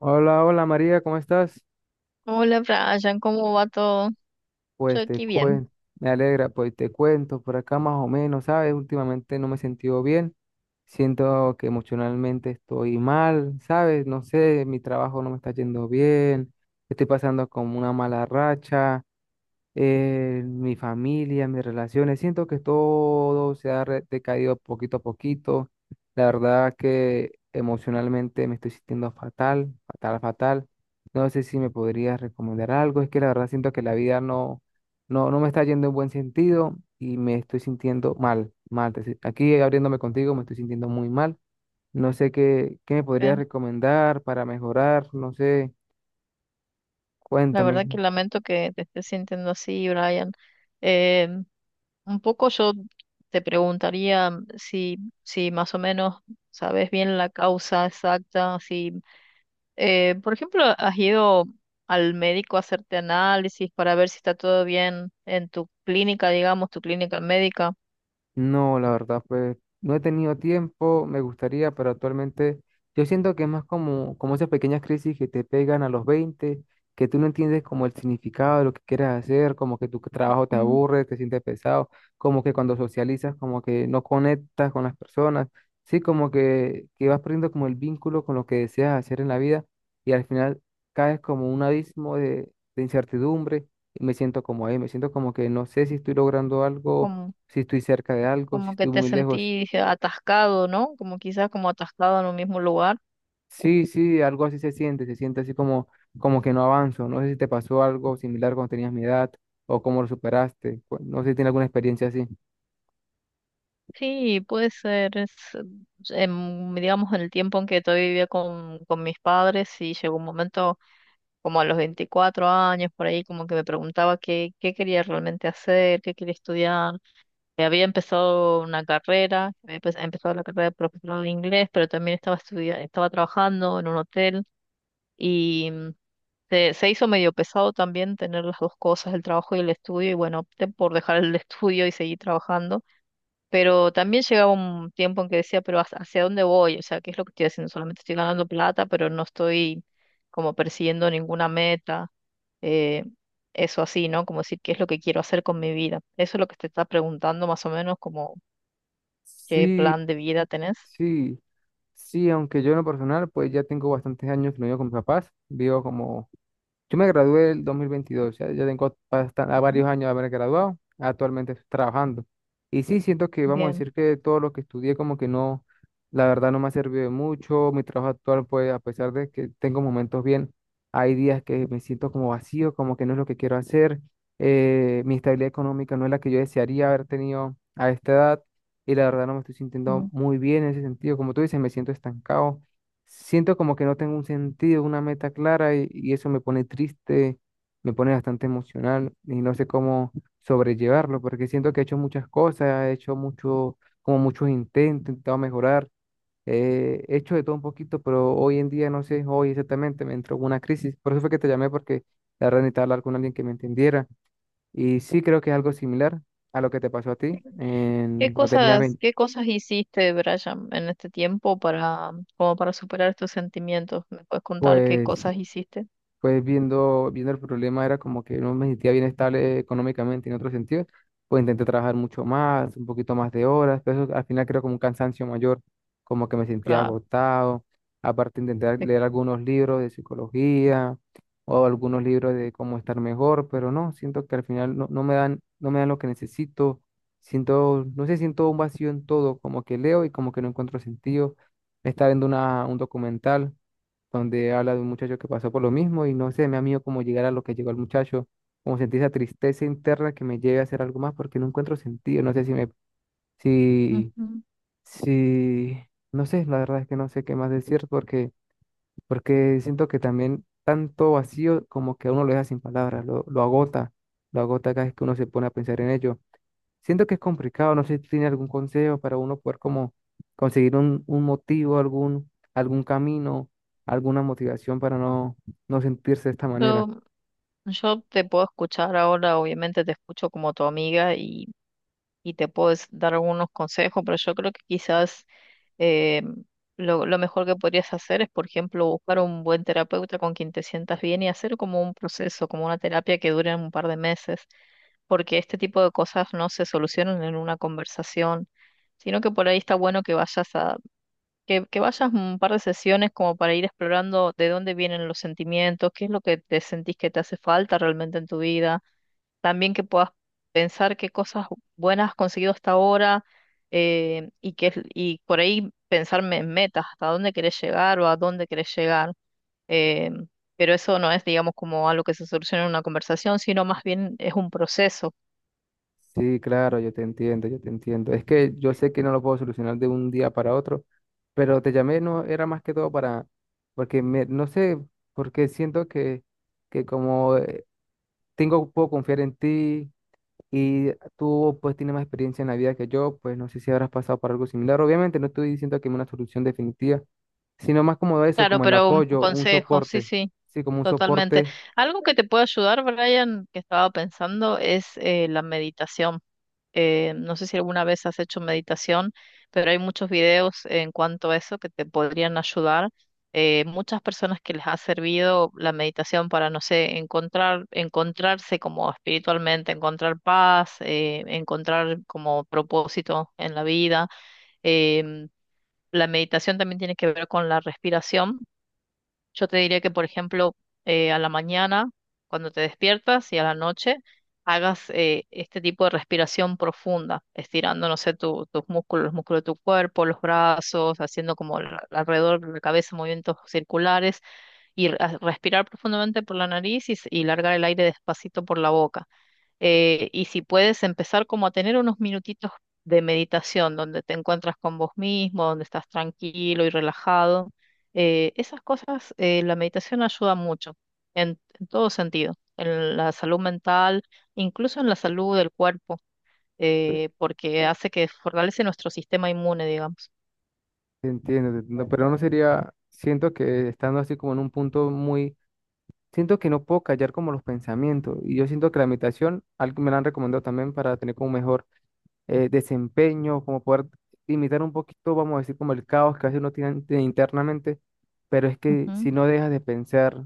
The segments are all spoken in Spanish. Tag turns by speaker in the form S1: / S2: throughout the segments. S1: Hola, hola María, ¿cómo estás?
S2: Hola Brian, ¿cómo va todo? Yo
S1: Pues te
S2: aquí bien.
S1: cuento, me alegra, pues te cuento por acá más o menos, ¿sabes? Últimamente no me he sentido bien, siento que emocionalmente estoy mal, ¿sabes? No sé, mi trabajo no me está yendo bien, estoy pasando como una mala racha, mi familia, mis relaciones. Siento que todo se ha decaído poquito a poquito. La verdad que emocionalmente me estoy sintiendo fatal, fatal, fatal. No sé si me podrías recomendar algo. Es que la verdad siento que la vida no me está yendo en buen sentido y me estoy sintiendo mal, mal. Aquí abriéndome contigo me estoy sintiendo muy mal. No sé qué me podrías
S2: Bien.
S1: recomendar para mejorar. No sé,
S2: La
S1: cuéntame.
S2: verdad que lamento que te estés sintiendo así, Brian. Eh, un poco yo te preguntaría si, si más o menos sabes bien la causa exacta, si, por ejemplo, has ido al médico a hacerte análisis para ver si está todo bien en tu clínica, digamos, tu clínica médica.
S1: No, la verdad, pues no he tenido tiempo, me gustaría, pero actualmente yo siento que es más como esas pequeñas crisis que te pegan a los 20 que tú no entiendes como el significado de lo que quieres hacer, como que tu trabajo te
S2: Mm,
S1: aburre, te sientes pesado, como que cuando socializas, como que no conectas con las personas, sí, como que vas perdiendo como el vínculo con lo que deseas hacer en la vida y al final caes como un abismo de incertidumbre y me siento como ahí, me siento como que no sé si estoy logrando algo
S2: Como,
S1: si estoy cerca de algo, si
S2: como que
S1: estoy
S2: te
S1: muy lejos.
S2: sentís atascado, ¿no? Como quizás como atascado en un mismo lugar.
S1: Sí, sí, algo así se siente así como que no avanzo. No sé si te pasó algo similar cuando tenías mi edad o cómo lo superaste. No sé si tienes alguna experiencia así.
S2: Sí, puede ser, digamos, en el tiempo en que todavía vivía con mis padres y llegó un momento como a los 24 años, por ahí, como que me preguntaba qué quería realmente hacer, qué quería estudiar. Había empezado una carrera, había empezado la carrera de profesor de inglés, pero también estaba estaba trabajando en un hotel y se hizo medio pesado también tener las dos cosas, el trabajo y el estudio, y bueno, opté por dejar el estudio y seguir trabajando, pero también llegaba un tiempo en que decía, pero ¿hacia dónde voy? O sea, ¿qué es lo que estoy haciendo? Solamente estoy ganando plata, pero no estoy como persiguiendo ninguna meta. eh, Eso así, ¿no? Como decir, ¿qué es lo que quiero hacer con mi vida? Eso es lo que te está preguntando más o menos, como qué
S1: Sí,
S2: plan de vida tenés.
S1: sí, sí, aunque yo en lo personal, pues ya tengo bastantes años que no vivo con mis papás, vivo como yo me gradué el 2022, ya, a
S2: Ujú.
S1: varios años de haber graduado, actualmente estoy trabajando. Y sí, siento que vamos a
S2: Bien.
S1: decir que todo lo que estudié como que no, la verdad no me ha servido de mucho. Mi trabajo actual, pues a pesar de que tengo momentos bien, hay días que me siento como vacío, como que no es lo que quiero hacer, mi estabilidad económica no es la que yo desearía haber tenido a esta edad y la verdad no me estoy sintiendo
S2: Mm.
S1: muy bien en ese sentido, como tú dices, me siento estancado. Siento como que no tengo un sentido, una meta clara y eso me pone triste, me pone bastante emocional y no sé cómo sobrellevarlo porque siento que he hecho muchas cosas, he hecho mucho, como muchos intentos, he intentado mejorar, he hecho de todo un poquito, pero hoy en día no sé, hoy exactamente me entró una crisis. Por eso fue que te llamé porque la verdad necesitaba hablar con alguien que me entendiera y sí creo que es algo similar a lo que te pasó a ti en,
S2: ¿Qué
S1: cuando tenías
S2: cosas,
S1: 20.
S2: qué cosas hiciste, Brian, en este tiempo para, como para superar estos sentimientos? ¿Me puedes contar qué
S1: Pues
S2: cosas hiciste?
S1: pues viendo el problema era como que no me sentía bien estable económicamente en otro sentido, pues intenté trabajar mucho más, un poquito más de horas, pero eso al final creo como un cansancio mayor, como que me sentía
S2: Claro.
S1: agotado, aparte intenté
S2: te-
S1: leer algunos libros de psicología o algunos libros de cómo estar mejor, pero no, siento que al final no me dan, no me dan lo que necesito, siento, no sé, siento un vacío en todo, como que leo y como que no encuentro sentido. Estaba viendo un documental donde habla de un muchacho que pasó por lo mismo y no sé, me ha miedo cómo llegar a lo que llegó el muchacho, como sentir esa tristeza interna que me lleve a hacer algo más porque no encuentro sentido, no sé si me, si,
S2: Ujú.
S1: si, no sé, la verdad es que no sé qué más decir porque, porque siento que también tanto vacío como que a uno lo deja sin palabras, lo agota cada vez que uno se pone a pensar en ello. Siento que es complicado, no sé si tiene algún consejo para uno poder como conseguir un motivo, algún camino, alguna motivación para no, no sentirse de esta manera.
S2: Yo Yo te puedo escuchar ahora, obviamente te escucho como tu amiga y te puedo dar algunos consejos, pero yo creo que quizás eh, lo mejor que podrías hacer es, por ejemplo, buscar un buen terapeuta con quien te sientas bien y hacer como un proceso, como una terapia que dure un par de meses, porque este tipo de cosas no se solucionan en una conversación, sino que por ahí está bueno que vayas que vayas un par de sesiones como para ir explorando de dónde vienen los sentimientos, qué es lo que te sentís que te hace falta realmente en tu vida, también que puedas pensar qué cosas buenas has conseguido hasta ahora, y por ahí pensarme en metas, hasta dónde querés llegar o a dónde querés llegar. eh, pero eso no es, digamos, como algo que se soluciona en una conversación, sino más bien es un proceso.
S1: Sí, claro, yo te entiendo, yo te entiendo. Es que yo sé que no lo puedo solucionar de un día para otro, pero te llamé, no era más que todo para, porque me, no sé, porque siento que como tengo, puedo confiar en ti, y tú pues tienes más experiencia en la vida que yo, pues no sé si habrás pasado por algo similar. Obviamente no estoy diciendo que hay una solución definitiva, sino más como eso,
S2: Claro,
S1: como el
S2: pero un
S1: apoyo, un
S2: consejo, sí,
S1: soporte.
S2: sí.
S1: Sí, como un
S2: Totalmente.
S1: soporte,
S2: Algo que te puede ayudar, Brian, que estaba pensando, es la meditación. No sé si alguna vez has hecho meditación, pero hay muchos videos en cuanto a eso que te podrían ayudar. Muchas personas que les ha servido la meditación para, no sé, encontrar, encontrarse como espiritualmente, encontrar paz, encontrar como propósito en la vida. Em, la meditación también tiene que ver con la respiración. Yo te diría que, por ejemplo, a la mañana, cuando te despiertas y a la noche, hagas este tipo de respiración profunda, estirando, no sé, tus músculos, los músculos de tu cuerpo, los brazos, haciendo como alrededor de la cabeza movimientos circulares y respirar profundamente por la nariz y, y largar el aire despacito por la boca, y si puedes empezar como a tener unos minutitos de meditación donde te encuentras con vos mismo, donde estás tranquilo y relajado, esas cosas, la meditación ayuda mucho en todo sentido, en la salud mental, incluso en la salud del cuerpo, porque hace que fortalece nuestro sistema inmune, digamos.
S1: te entiendo, pero no sería, siento que estando así como en un punto muy, siento que desempeño, como poder imitar un poquito, vamos a decir, como el caos que a veces uno tiene internamente, pero es que
S2: Ujú.
S1: si no dejas de pensar,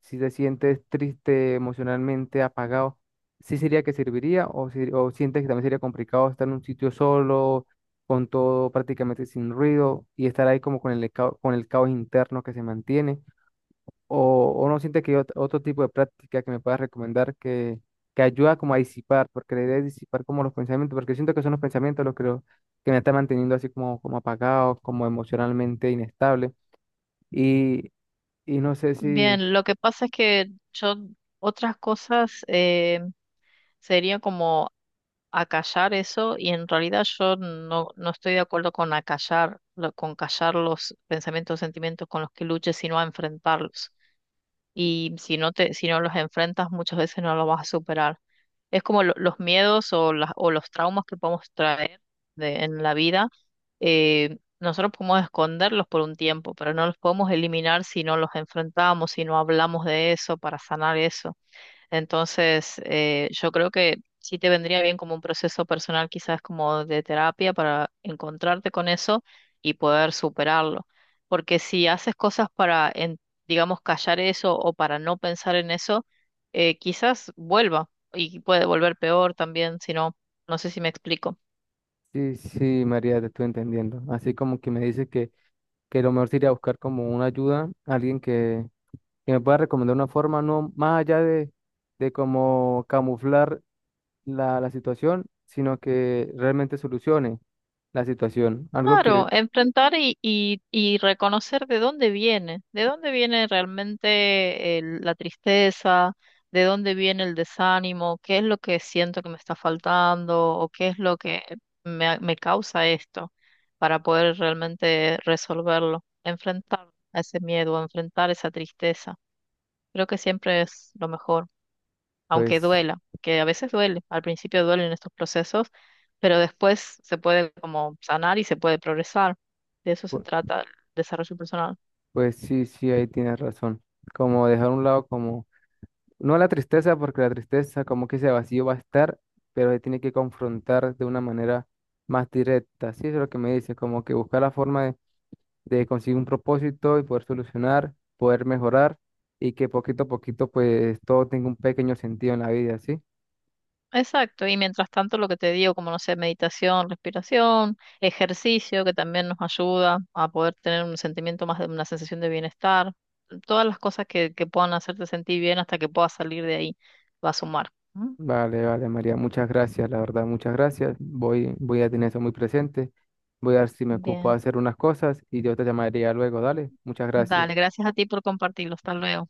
S1: si te sientes triste emocionalmente, apagado, ¿sí sería que serviría o, o sientes que también sería complicado estar en un sitio solo, con todo prácticamente sin ruido y estar ahí como con el, con el caos interno que se mantiene? O, o no siente que hay otro tipo de práctica que me puedas recomendar que ayuda como a disipar, porque la idea es disipar como los pensamientos, porque siento que son los pensamientos los que me están manteniendo así como, como apagado, como emocionalmente inestable. Y, y no sé si,
S2: Bien, lo que pasa es que yo otras cosas sería como acallar eso y en realidad yo no estoy de acuerdo con acallar, con callar los pensamientos sentimientos con los que luches, sino a enfrentarlos. Y si no los enfrentas, muchas veces no los vas a superar. Es como los miedos o los traumas que podemos traer en la vida. Nosotros podemos esconderlos por un tiempo, pero no los podemos eliminar si no los enfrentamos, si no hablamos de eso para sanar eso. Entonces, yo creo que sí te vendría bien como un proceso personal, quizás como de terapia, para encontrarte con eso y poder superarlo. Porque si haces cosas para, digamos, callar eso o para no pensar en eso, quizás vuelva y puede volver peor también, no sé si me explico.
S1: si, si María, te estoy entendiendo. Así como que me dice que lo mejor sería buscar como una ayuda, alguien que me pueda recomendar una forma, no más allá de como camuflar la situación, sino que realmente solucione la situación. Algo que,
S2: Claro, enfrentar y reconocer de dónde viene realmente la tristeza, de dónde viene el desánimo, qué es lo que siento que me está faltando o qué es lo que me causa esto para poder realmente resolverlo, enfrentar a ese miedo, enfrentar esa tristeza. Creo que siempre es lo mejor aunque
S1: pues,
S2: duela, que a veces duele, al principio duelen estos procesos, pero después se puede como sanar y se puede progresar. De eso se
S1: pu-
S2: trata el desarrollo personal.
S1: pues sí, sí, ahí tienes razón. Como dejar a un lado como, no la tristeza, porque la tristeza como que ese vacío va a estar, pero se tiene que confrontar de una manera más directa. Sí, eso es lo que me dice, como que buscar la forma de conseguir un propósito y poder solucionar, poder mejorar y que poquito a poquito, pues, todo tenga un pequeño sentido en la vida, ¿sí?
S2: Exacto, y mientras tanto lo que te digo, como no sé, meditación, respiración, ejercicio, que también nos ayuda a poder tener un sentimiento más de una sensación de bienestar, todas las cosas que puedan hacerte sentir bien hasta que puedas salir de ahí, va a sumar. ¿Mm?
S1: Vale, vale, María, muchas gracias, la verdad, muchas gracias. Voy a tener eso muy presente. Voy a ver si me ocupo de
S2: Bien,
S1: hacer unas cosas y yo te llamaría luego, dale. Muchas gracias.
S2: dale, gracias a ti por compartirlo, hasta luego.